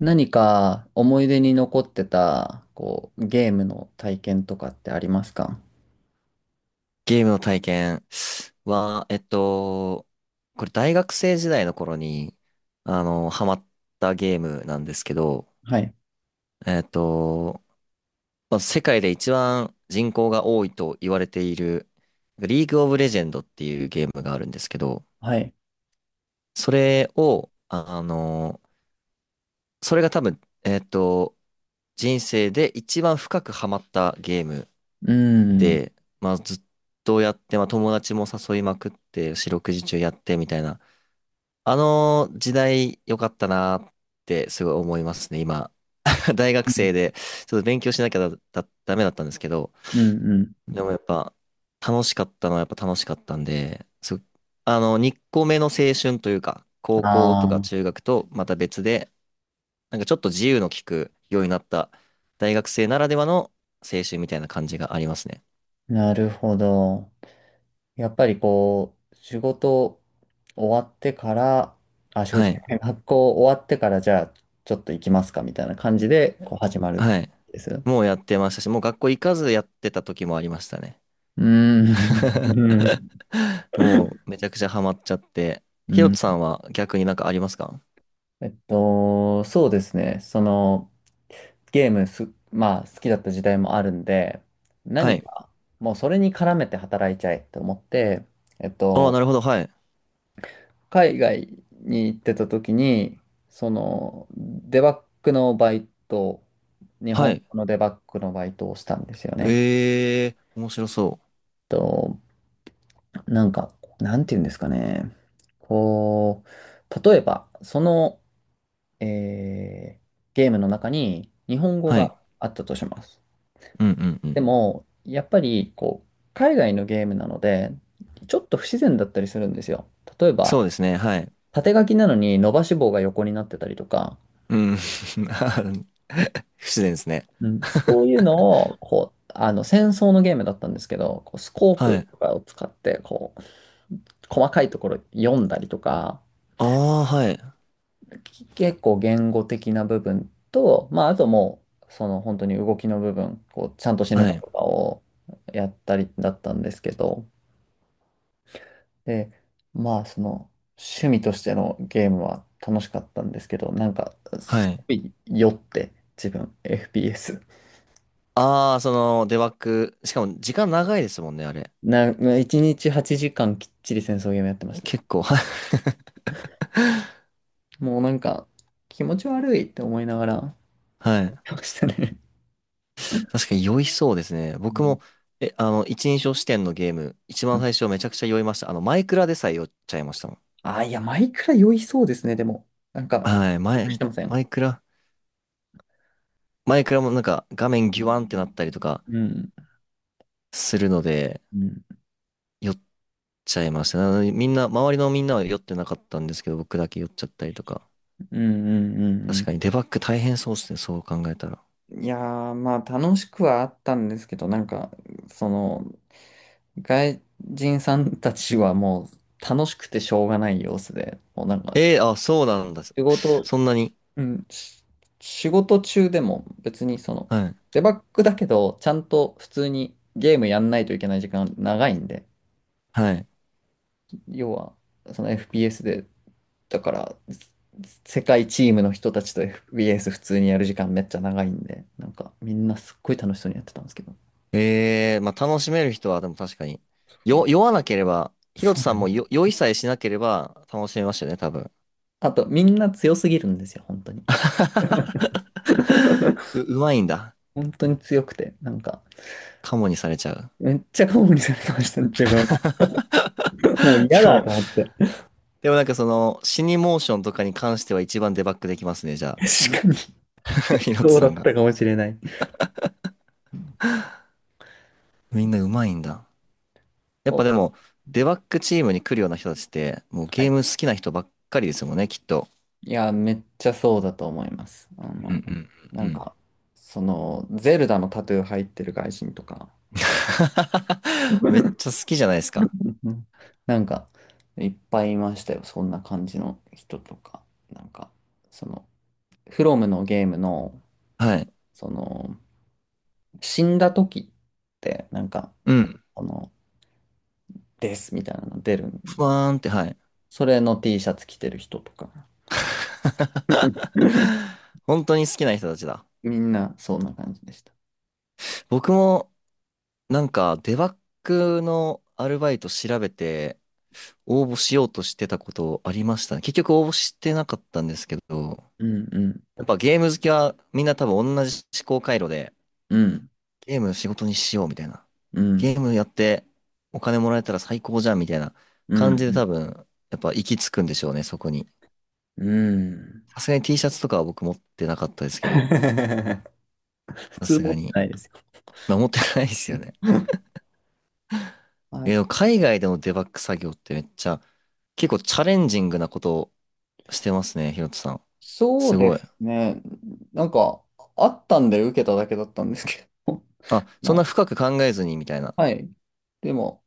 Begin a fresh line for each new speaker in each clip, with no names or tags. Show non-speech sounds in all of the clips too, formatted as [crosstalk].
何か思い出に残ってた、こう、ゲームの体験とかってありますか？
ゲームの体験は、これ大学生時代の頃に、ハマったゲームなんですけど、
はい。
えっと、まあ、世界で一番人口が多いと言われている、リーグオブレジェンドっていうゲームがあるんですけど、
はい。
それを、あの、それが多分、人生で一番深くハマったゲーム
うん。
で、まあ、ずっとやって、まあ、友達も誘いまくって、四六時中やってみたいな、あの時代良かったなってすごい思いますね、今。[laughs] 大
う
学
ん
生で、ちょっと勉強しなきゃダメだったんですけど、
うんうん。
でもやっぱ、楽しかったのはやっぱ楽しかったんで、すあの、2個目の青春というか、高校とか
あ
中学とまた別で、なんかちょっと自由の利くようになった大学生ならではの青春みたいな感じがありますね。
あ、なるほど。やっぱりこう、仕事終わってから、あ、仕事
は
じゃ
い。
ない、学校終わってから、じゃあ、ちょっと行きますかみたいな感じで、こう、始まるん
はい。
です。
もうやってましたし、もう学校行かずやってた時もありましたね。
うん。う
[laughs] もうめちゃくちゃハマっちゃって。ひろとさ
ん。
んは逆になんかありますか？
そうですね。その、ゲームす、まあ、好きだった時代もあるんで、
は
何
い。
か、もうそれに絡めて働いちゃえと思って、えっ
ああ、
と、
なるほど。はい。
海外に行ってた時に、その、デバッグのバイト、日
は
本
い。
語のデバッグのバイトをしたんですよね。
ええー、面白そう。
と、なんか、なんていうんですかね。こう、例えば、その、えーゲームの中に日本語
はい。
があったとします。
うんうんう
で
ん。
も、やっぱりこう海外のゲームなので、ちょっと不自然だったりするんですよ。例え
そ
ば、
うですね。はい。
縦書きなのに伸ばし棒が横になってたりとか、
うん。[laughs] 不自然ですね。
うん、そういうのをこうあの戦争のゲームだったんですけど、こうスコ
[laughs]
ー
は
プ
い。
とかを使ってこう細かいところ読んだりとか、
ああ、はい。
結構言語的な部分と、まあ、あともう、その本当に動きの部分、こう、ちゃんと死ぬ
は
か
い。
とかをやったりだったんですけど、で、まあ、その、趣味としてのゲームは楽しかったんですけど、なんか、
は
す
い。
ごい酔って、自分、FPS。
ああ、その、デバッグ。しかも時間長いですもんね、あれ。
な、1日8時間きっちり戦争ゲームやってました。
結構。[laughs] は
もうなんか、気持ち悪いって思いながら、やっ
い。
てましたね。
確かに酔いそうですね。
う
僕
ん
も、え、あの、一人称視点のゲーム、一
う
番
ん、
最初めちゃくちゃ酔いました。マイクラでさえ酔っちゃいましたもん。
あ、いや、マイクラ酔いそうですね、でも。なんか、
はい、
してません。
マイクラ、マイクラもなんか画面ギュワンってなったりとか
うん、
するので、
うん、
酔っちゃいました。なのでみんな、周りのみんなは酔ってなかったんですけど、僕だけ酔っちゃったりとか。
うん、うん、う
確
ん
かにデバッグ大変そうですね、そう考えたら。
うん。いやー、まあ楽しくはあったんですけど、なんか、その、外人さんたちはもう楽しくてしょうがない様子で、もうなんか、
あ、そうなんだ。
仕事、
そんなに。
うん、仕事中でも別にその、
はい。
デバッグだけど、ちゃんと普通にゲームやんないといけない時間長いんで、
はい。
要は、その FPS でだから、世界チームの人たちと FBS 普通にやる時間めっちゃ長いんで、なんかみんなすっごい楽しそうにやってたんですけど。
ええ、まあ楽しめる人はでも確かに。
お、
酔わなければ、ヒロ
そ
ト
う
さ
な
ん
ん
も
だ。
酔いさえしなければ楽しめましたよね、多分。
あと、みんな強すぎるんですよ、本当に。
[laughs] う、
[laughs]
うまいんだ。
本当に強くて、なんか、
カモにされちゃう。
めっちゃ顔にされてました、自分は。
[laughs]
もう嫌
で
だ
も、
と思って。
でもなんか死にモーションとかに関しては一番デバッグできますね、じゃあ。
確かに、
[laughs] ヒロト
そう
さ
だっ
んが。
たかもしれない。
みんなうまいんだ。やっぱ
こ
でも、デバッグチームに来るような人たちって、もう
う、は
ゲー
い。
ム好きな人ばっかりですもんね、きっと。
いや、めっちゃそうだと思います。あ
うんう
の、
ん
な
うんう
ん
ん。
か、その、ゼルダのタトゥー入ってる外人とか、
[laughs] めっちゃ
[laughs]
好きじゃないですか。
うん、なんか、いっぱいいましたよ。そんな感じの人とか。なんか、その、フロムのゲームの、
はい。
その、死んだ時って、なんか、
うん。
この、ですみたいなの出るん
ふ
で、
わーんって、はい。
それの T シャツ着てる人とか。[laughs]
[laughs] 本当に好きな人たちだ。
みんな、そんな感じでした。
僕もなんかデバッグのアルバイト調べて応募しようとしてたことありましたね。結局応募してなかったんですけど、
うんうん、
やっぱゲーム好きはみんな多分同じ思考回路で
うん、
ゲーム仕事にしようみたいな。
うん、
ゲームやってお金もらえたら最高じゃんみたいな
う
感じで
ん、
多分やっぱ行き着くんでしょうね、そこに。
うん。う
さ
ん。
すがに T シャツとかは僕持ってなかったですけど、
[laughs] 普
さ
通
す
持
が
って
に。
ないですよ。
まあ持ってないですよね。
[laughs]
え、でも
あ、
海外でのデバッグ作業ってめっちゃ、結構チャレンジングなことをしてますね、ひろとさん。
そ
す
うで
ごい。
すね。なんか、あったんで受けただけだったんですけど。[laughs]
あ、そんな
ま
深く考えずにみたいな。
あ、はい。でも、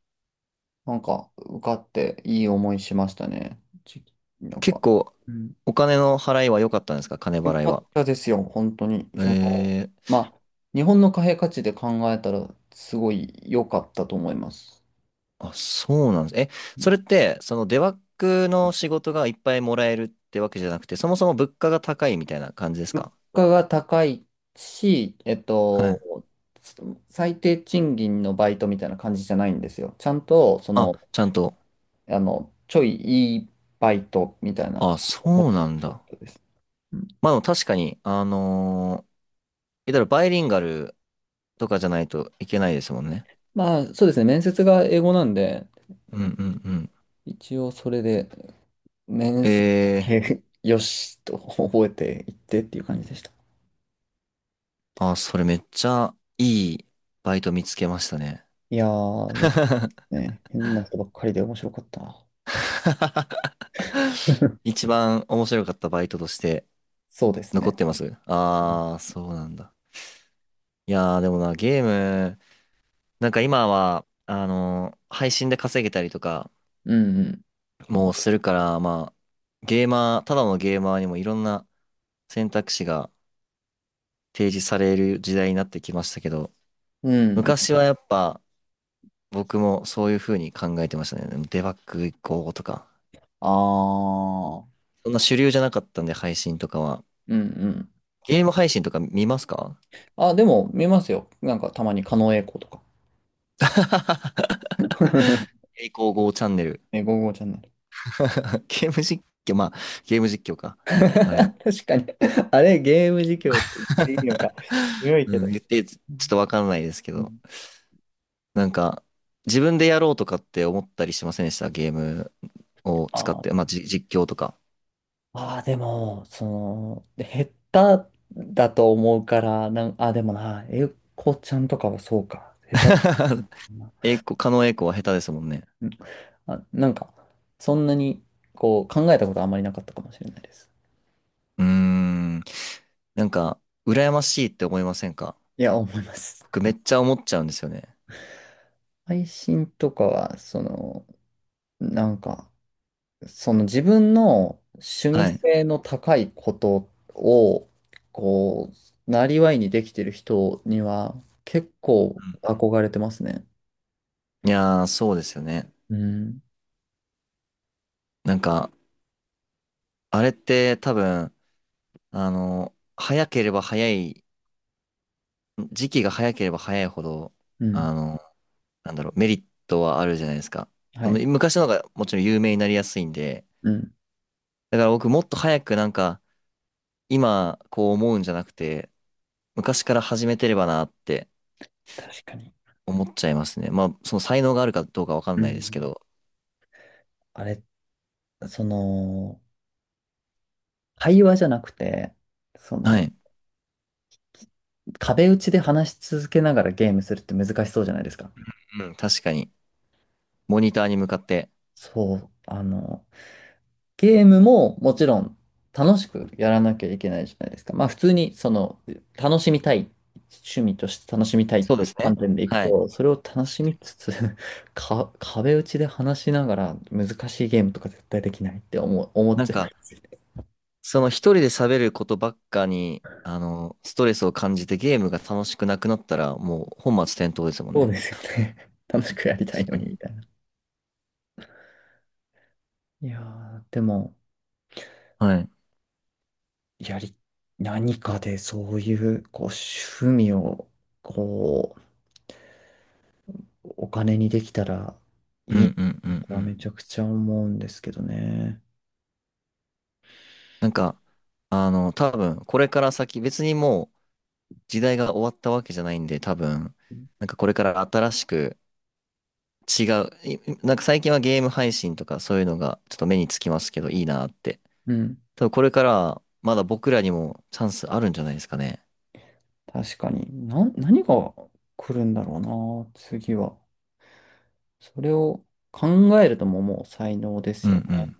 なんか、受かっていい思いしましたね。なん
結
か、
構、
うん、
お金の払いは良かったんですか？金
よ
払い
か
は。
ったですよ、本当に。
え
その、
ー、
まあ、日本の貨幣価値で考えたら、すごい良かったと思います。
あ、そうなんです。え、
う
そ
ん、
れって、そのデバッグの仕事がいっぱいもらえるってわけじゃなくて、そもそも物価が高いみたいな感じです
物
か？
価が高いし、
はい。
最低賃金のバイトみたいな感じじゃないんですよ。ちゃんと、そ
あ、
の、
ちゃんと。
あの、ちょいいいバイトみたいな
あ、
感じの
そう
立ち
なんだ。
人です。うん、
まあでも確かに、言ったらバイリンガルとかじゃないといけないですもんね。
まあ、そうですね。面接が英語なんで、
うんうんうん。
一応それで、面
え
接だ
えー、
け [laughs] よしと覚えていってっていう感じでした。
あ、それめっちゃいいバイト見つけましたね。
いやー、よかった
[laughs]
ね。変な人ばっかりで面白かったな。[laughs]
一番面白かったバイトとして
そうです
残っ
ね。
てます。ああ、そうなんだ。いやー、でもな、ゲーム、なんか今は、配信で稼げたりとか
うんうん。
もうするから、まあ、ゲーマー、ただのゲーマーにもいろんな選択肢が提示される時代になってきましたけど、
うん。
昔はやっぱ僕もそういう風に考えてましたね。でもデバッグ行こうとか。
ああ、
そんな主流じゃなかったんで、配信とかは。
うんうん。
ゲーム配信とか見ますか？
あ、でも見ますよ。なんかたまに狩野英孝とか。[laughs]
栄光号チャンネル。
え、ゴーゴーちゃんね。
[laughs] ゲーム実況、まあ、ゲーム実況か。
[laughs]
まあれも。
確かに。あれ、ゲーム実況って言っていいのか。強
[laughs]
いけ
うん、
ど。
言って、ちょっとわかんないですけ
う
ど。
ん、
なんか、自分でやろうとかって思ったりしませんでした？ゲームを
あ
使っ
ー
て。まあ、実況とか。
まあー、でも、その、減っただと思うから、あ、でもな、えこちゃんとかはそうか。下手。う
[laughs] 狩野英孝は下手ですもんね。
ん、あ、なんか、そんなに、こう、考えたことあんまりなかったかもしれないです。
うーん。なんか、羨ましいって思いませんか？
いや、思います。
僕めっちゃ思っちゃうんですよね。
配信とかは、その、なんか、その自分の趣味
はい。
性の高いことを、こう、なりわいにできてる人には結構憧れてますね。
いやー、そうですよね。
うん。
なんか、あれって多分、早ければ早い、時期が早ければ早いほど、
うん。
あの、なんだろう、メリットはあるじゃないですか。
はい。
昔の方がもちろん有名になりやすいんで、
うん。
だから僕もっと早くなんか、今こう思うんじゃなくて、昔から始めてればなって
確かに。
思っちゃいますね。まあ、その才能があるかどうかわか
う
んないですけ
ん。
ど、
あれ、その、会話じゃなくて、そ
は
の、
い。
壁打ちで話し続けながらゲームするって難しそうじゃないですか？
うん、確かに。モニターに向かって。
そう。あの、ゲームももちろん楽しくやらなきゃいけないじゃないですか。まあ普通にその楽しみたい、趣味として楽しみたいっ
そう
て
で
いう
すね。
観点でいく
はい。
と、それを楽
確
し
か
み
に。
つつ [laughs] か、壁打ちで話しながら難しいゲームとか絶対できないって思っ
なん
ちゃいま
か、
すよね。
その一人で喋ることばっかに、ストレスを感じてゲームが楽しくなくなったら、もう本末転倒ですもん
そう
ね。
ですよね。[laughs] 楽しくやりた
確
いの
か
に
に。
みたいな。いやー、でも、
はい。
やり、何かでそういう、こう、趣味を、こう、お金にできたら
う
いい
んうんうんう
とはめ
ん。
ちゃくちゃ思うんですけどね。
なんか、多分、これから先、別にもう時代が終わったわけじゃないんで、多分、なんかこれから新しく違う、いなんか最近はゲーム配信とかそういうのがちょっと目につきますけど、いいなって。
うん、
多分これからはまだ僕らにもチャンスあるんじゃないですかね。
確かに。何が来るんだろうな、次は。それを考えるとももう才能です
うん
よ
う
ね。
ん